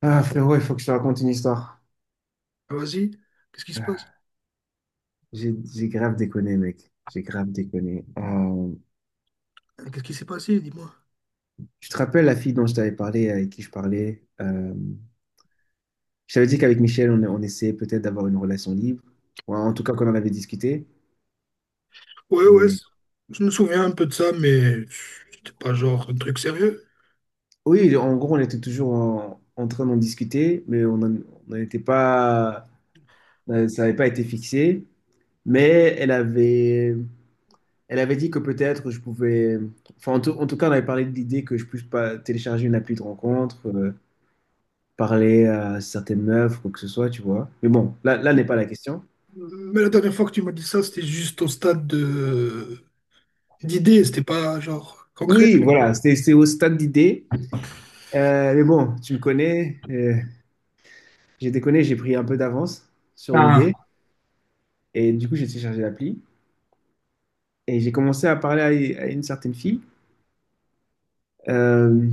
Ah frérot, il faut que je te raconte une histoire. Ah, vas-y, qu'est-ce qui se Euh, passe? j'ai grave déconné, mec. J'ai grave déconné. Euh, Qu'est-ce qui s'est passé? Dis-moi. tu te rappelles la fille dont je t'avais parlé, avec qui je parlais? Je t'avais dit qu'avec Michel, on essayait peut-être d'avoir une relation libre. Ou en tout cas, qu'on en avait discuté. Ouais, ouais, Mais je me souviens un peu de ça, mais c'était pas genre un truc sérieux. oui, en gros, on était toujours en train d'en discuter, mais on n'en était pas, ça n'avait pas été fixé. Mais elle avait, Elle avait dit que peut-être je pouvais. Enfin, en tout cas, on avait parlé de l'idée que je puisse pas télécharger une appli de rencontre, parler à certaines meufs, quoi que ce soit, tu vois. Mais bon, là n'est pas la question. Mais la dernière fois que tu m'as dit ça, c'était juste au stade de d'idée, c'était pas genre concret. Oui, voilà, c'est au stade d'idée. Mais bon, tu me connais, j'ai déconné, j'ai pris un peu d'avance sur l'idée. Ah. Et du coup, j'ai téléchargé l'appli. Et j'ai commencé à parler à une certaine fille. Euh,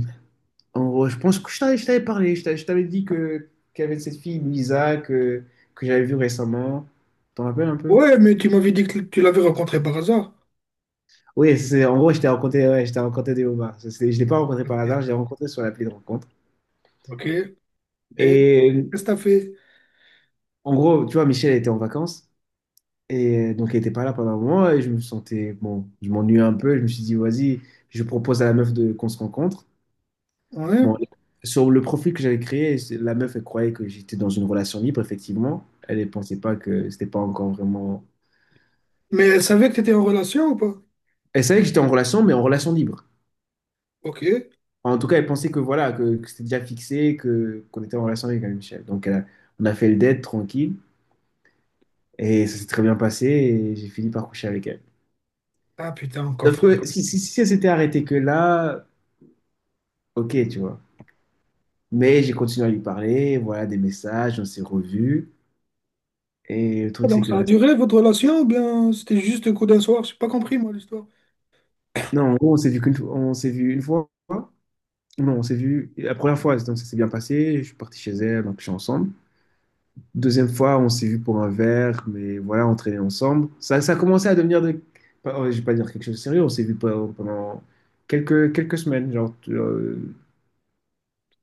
En gros, je pense que je t'avais parlé, je t'avais dit que qu'il y avait cette fille, Louisa, que j'avais vue récemment. T'en rappelles un peu? Ouais, mais tu m'avais dit que tu l'avais rencontré par hasard. Oui, c'est, en gros, je t'ai rencontré, ouais, je t'ai rencontré des homards. Je ne l'ai pas rencontré Ok, par hasard, je l'ai rencontré sur l'appli de rencontre. ok. Et qu'est-ce Et que t'as fait? en gros, tu vois, Michel était en vacances, et donc il n'était pas là pendant un moment, et je me sentais, bon, je m'ennuyais un peu, je me suis dit, vas-y, je propose à la meuf de, qu'on se rencontre. Ouais. Bon, sur le profil que j'avais créé, la meuf, elle croyait que j'étais dans une relation libre, effectivement. Elle ne pensait pas que c'était pas encore vraiment Mais elle savait que t'étais en relation ou pas? Elle savait que j'étais en relation, mais en relation libre. Ok. Enfin, en tout cas, elle pensait que voilà, que c'était déjà fixé, que qu'on était en relation avec Michel. Donc, on a fait le date tranquille et ça s'est très bien passé et j'ai fini par coucher avec elle. Ah putain, Sauf encore. que si elle s'était arrêtée que là, ok, tu vois. Mais j'ai continué à lui parler, voilà, des messages, on s'est revus. Et le Ah, truc, c'est donc que. ça a reste- duré votre relation ou bien c'était juste un coup d'un soir? J'ai pas compris moi l'histoire. Non, en gros, on s'est vu qu'une fois. On s'est vu une fois. Non, on s'est vu la première fois, donc ça s'est bien passé. Je suis parti chez elle, donc je suis ensemble. Deuxième fois, on s'est vu pour un verre, mais voilà, on traînait ensemble. Ça a commencé à devenir de. Oh, je vais pas dire quelque chose de sérieux, on s'est vu pendant quelques semaines, genre, on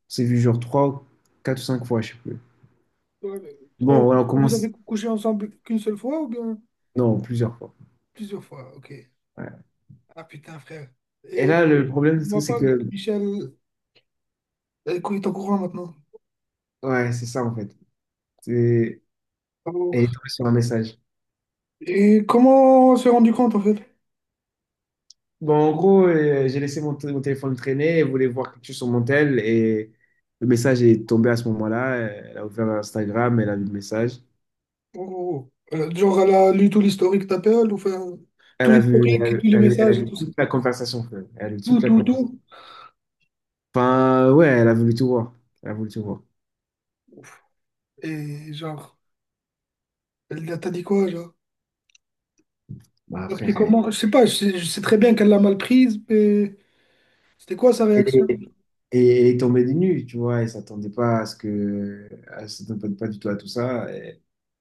s'est vu genre trois, quatre ou cinq fois, je sais plus. Ouais, mais Bon, trois- voilà, on Vous avez commence, couché ensemble qu'une seule fois ou bien non, plusieurs fois. plusieurs fois? Ok. Ouais. Ah putain, frère. Et Et là, le problème, c'est moi c'est pas que que, Michel elle est au courant maintenant. ouais, c'est ça, en fait. C'est- Oh. Elle est tombée sur un message. Et comment on s'est rendu compte en fait? Bon, en gros, j'ai laissé mon téléphone traîner, elle voulait voir quelque chose sur mon tel, et le message est tombé à ce moment-là. Elle a ouvert Instagram, elle a vu le message. Oh, oh, oh. Genre, elle a lu tout l'historique d'appel, ou enfin, Elle tout a vu, l'historique, elle a, tous vu les elle- elle a messages et vu tout ça. toute la conversation, frère. Elle a vu Tout, toute la tout, conversation. tout. Enfin, ouais, elle a voulu tout voir. Elle a voulu tout voir. Et genre, elle t'a dit quoi, genre? Bah, T'as pris frère, comment? Je sais pas, je sais très bien qu'elle l'a mal prise, mais c'était quoi sa elle est, réaction? elle est tombée des nues, tu vois. Elle s'attendait pas à ce que. Elle s'attendait pas du tout à tout ça. Et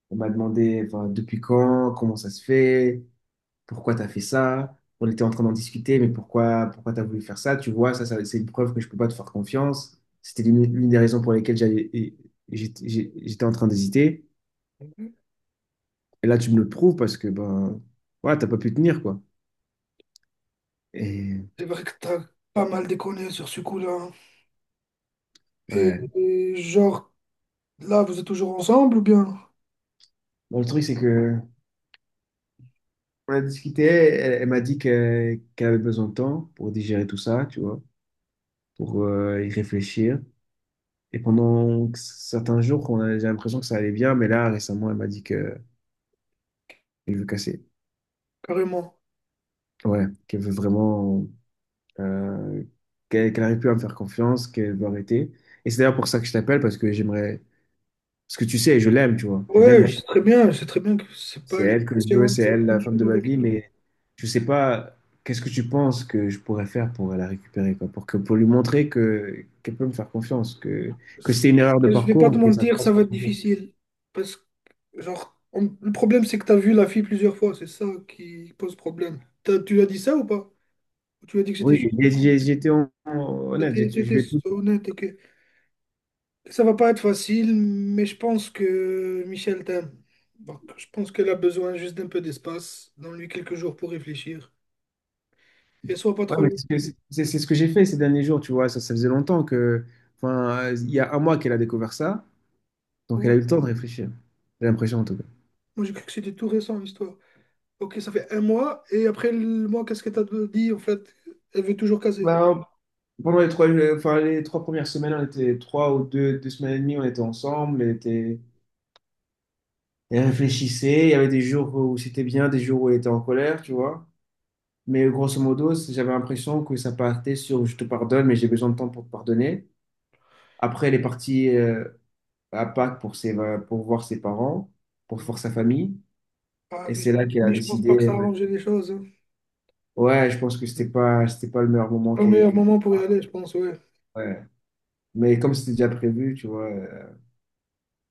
on m'a demandé, enfin, depuis quand, comment ça se fait, pourquoi t'as fait ça. On était en train d'en discuter, mais pourquoi t'as voulu faire ça, tu vois. Ça, c'est une preuve que je peux pas te faire confiance. C'était l'une des raisons pour lesquelles j'étais j'étais en train d'hésiter. Et là, tu me le prouves parce que, ben, ouais, t'as pas pu tenir, quoi. Et, C'est vrai que t'as pas mal déconné sur ce coup-là, hein. Ouais. Et genre, là, vous êtes toujours ensemble ou bien? Bon, le truc, c'est que, on a discuté, elle m'a dit qu'elle avait besoin de temps pour digérer tout ça, tu vois, pour y réfléchir. Et pendant certains jours, on a j'ai l'impression que ça allait bien, mais là, récemment, elle m'a dit que qu'elle veut casser. Carrément. Ouais, qu'elle veut vraiment, euh, qu'elle arrive plus à me faire confiance, qu'elle veut arrêter. Et c'est d'ailleurs pour ça que je t'appelle, parce que j'aimerais, parce que tu sais, je l'aime, tu vois, je l'aime. Ouais, c'est très bien que c'est pas C'est une elle que je veux, question c'est de elle la femme de bonjour ma avec vie, elle. mais je sais pas, qu'est-ce que tu penses que je pourrais faire pour la récupérer, quoi, pour que, pour lui montrer que qu'elle peut me faire confiance, que c'était une erreur de Je vais pas te parcours, que ça mentir, passe. ça va être difficile. Parce que, genre, le problème, c'est que t'as vu la fille plusieurs fois, c'est ça qui pose problème. Tu lui as dit ça ou pas? Ou tu lui as dit que j'étais Oui, juste un con? Honnête, je T'étais lui ai tout. honnête, ok. Ça va pas être facile, mais je pense que Michel t'aime. Donc, je pense qu'elle a besoin juste d'un peu d'espace. Donne-lui quelques jours pour réfléchir. Et sois pas Ouais, trop mais long. c'est ce que j'ai fait ces derniers jours, tu vois, ça faisait longtemps que, enfin, il y a un mois qu'elle a découvert ça, donc elle a eu le temps de réfléchir. J'ai l'impression en tout cas. Moi, j'ai cru que c'était tout récent, l'histoire. Ok, ça fait un mois, et après le mois, qu'est-ce que t'as dit en fait? Elle veut toujours caser. Ben, pendant les trois premières semaines, on était trois ou deux semaines et demie, on était ensemble, Elle réfléchissait. Il y avait des jours où c'était bien, des jours où elle était en colère, tu vois. Mais grosso modo, j'avais l'impression que ça partait sur je te pardonne, mais j'ai besoin de temps pour te pardonner. Après, elle est partie à Pâques pour voir ses parents, pour voir Ouais. sa famille. Ah, Et vu c'est ça. là qu'elle a Mais je pense pas décidé. que ça a Elle m'a arrangé les choses, hein. Ouais, je pense que C'est c'était pas le meilleur moment pas le meilleur moment pour y aller, je pense, ouais. ouais. Mais comme c'était déjà prévu, tu vois,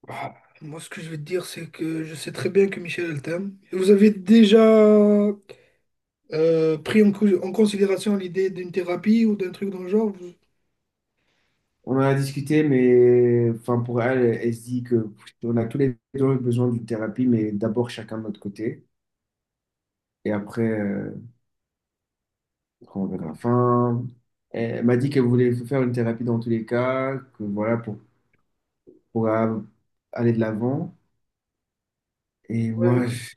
Ah, moi, ce que je vais te dire, c'est que je sais très bien que Michel, elle t'aime. Vous avez déjà pris en considération l'idée d'une thérapie ou d'un truc dans le genre? On en a discuté, mais enfin, pour elle, elle se dit que on a tous les deux besoin d'une thérapie, mais d'abord chacun de notre côté. Et après, on verra. Enfin, elle m'a dit qu'elle voulait faire une thérapie dans tous les cas, que voilà, pour aller de l'avant. Et moi, Ouais. Ouais. je-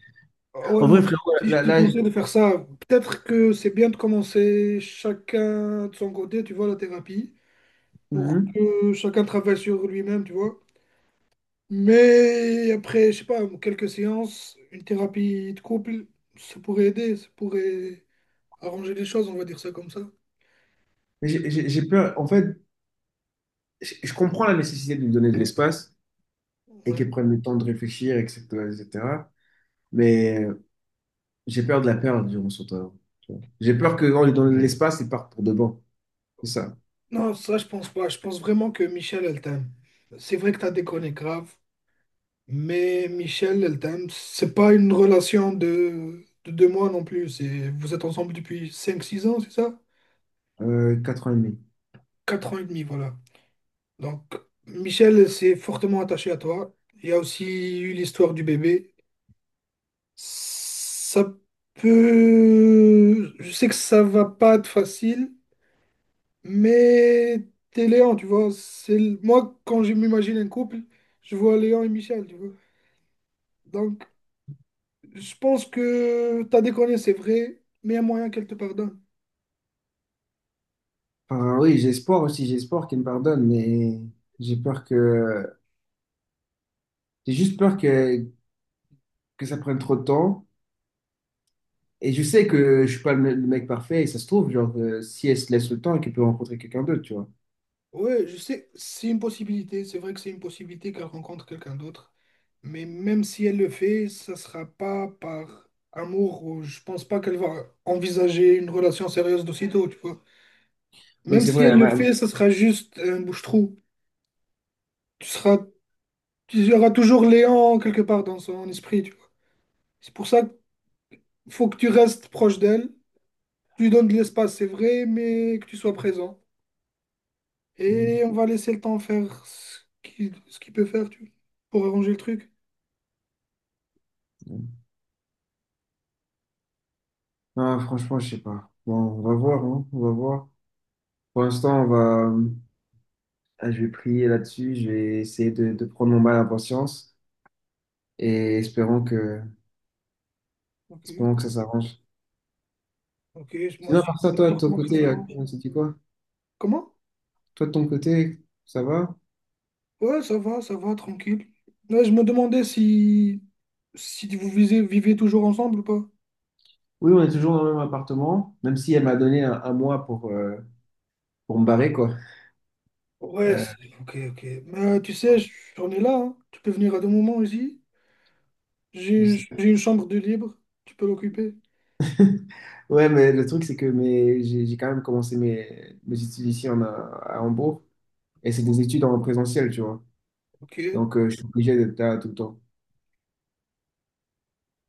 Ah ouais, en vrai, moi, frérot, si je là, te là, là, conseille de faire ça, peut-être que c'est bien de commencer chacun de son côté, tu vois, la thérapie, pour Mhm. que chacun travaille sur lui-même, tu vois. Mais après, je sais pas, quelques séances, une thérapie de couple, ça pourrait aider, ça pourrait arranger les choses, on va dire ça comme ça. J'ai peur. En fait, je comprends la nécessité de lui donner de l'espace et Ouais. qu'elle prenne le temps de réfléchir, etc., etc. Mais j'ai peur de la perdre durant son temps. Tu vois. J'ai peur qu'en lui donnant de l'espace, il parte pour de bon. C'est ça. Non, ça, je pense pas. Je pense vraiment que Michel, elle t'aime. C'est vrai que t'as déconné grave, mais Michel, elle t'aime. C'est pas une relation de deux mois non plus. C'est, vous êtes ensemble depuis cinq, six ans, c'est ça? 4 ans et demi. 4 ans et demi, voilà. Donc, Michel s'est fortement attaché à toi. Il y a aussi eu l'histoire du bébé. Ça peut... Je sais que ça va pas être facile, mais t'es Léon, tu vois. C'est... Moi, quand je m'imagine un couple, je vois Léon et Michel, tu vois. Donc, je pense que ta déconner, c'est vrai, mais il y a moyen qu'elle te pardonne. Enfin, oui, j'ai espoir aussi, j'ai espoir qu'il me pardonne, mais j'ai peur que. J'ai juste peur que ça prenne trop de temps. Et je sais que je suis pas le mec parfait, et ça se trouve, genre, si elle se laisse le temps, qu'elle peut rencontrer quelqu'un d'autre, tu vois. Ouais, je sais, c'est une possibilité. C'est vrai que c'est une possibilité qu'elle rencontre quelqu'un d'autre. Mais même si elle le fait, ça sera pas par amour ou je pense pas qu'elle va envisager une relation sérieuse d'aussitôt, tu vois. Oui, Même c'est si vrai. elle le fait, ça sera juste un bouche-trou. Tu seras, tu y aura toujours Léon quelque part dans son esprit, tu vois. C'est pour ça qu'il faut que tu restes proche d'elle. Tu lui donnes de l'espace, c'est vrai, mais que tu sois présent. Et on va laisser le temps faire ce qu'il peut faire, tu vois, pour arranger le truc. Non, franchement, je sais pas. Bon, on va voir, hein, on va voir. Pour l'instant, on va. Ah, je vais prier là-dessus, je vais essayer de prendre mon mal en patience et Ok. espérons que ça s'arrange. Ok, moi Sinon, aussi, par ça, j'espère toi, de ton fortement que ça côté, s'arrange. on s'est dit quoi? Comment? Toi, de ton côté, ça va? Ouais, ça va, tranquille. Là, je me demandais si, si vous vivez toujours ensemble ou pas. Oui, on est toujours dans le même appartement, même si elle m'a donné un mois pour me barrer, quoi. Ouais, Euh, c'est- ok, ok. Mais tu sais, j'en ai là, hein. Tu peux venir à deux moments ici. J'ai je j'ai une chambre de libre, tu peux l'occuper. ouais, mais le truc, c'est que j'ai quand même commencé mes études ici à Hambourg et c'est des études en présentiel, tu vois. Ok. Donc, je suis obligé d'être là tout le temps.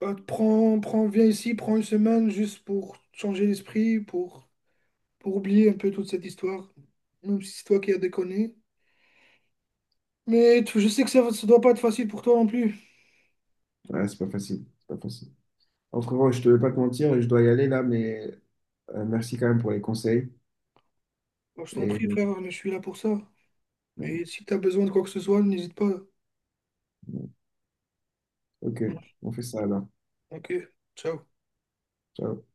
Bah, prends, prends, viens ici, prends une semaine juste pour changer l'esprit, pour oublier un peu toute cette histoire. Même si c'est toi qui as déconné. Mais je sais que ça ne doit pas être facile pour toi non plus. Ouais, c'est pas facile. C'est pas facile. En frérot, je te veux pas te mentir, je dois y aller là, mais merci quand même pour les conseils. Moi, je t'en prie, Et frère, je suis là pour ça. bon, Et si t'as besoin de quoi que ce soit, n'hésite pas. bon, ok, on fait ça alors. Ok, ciao. Ciao.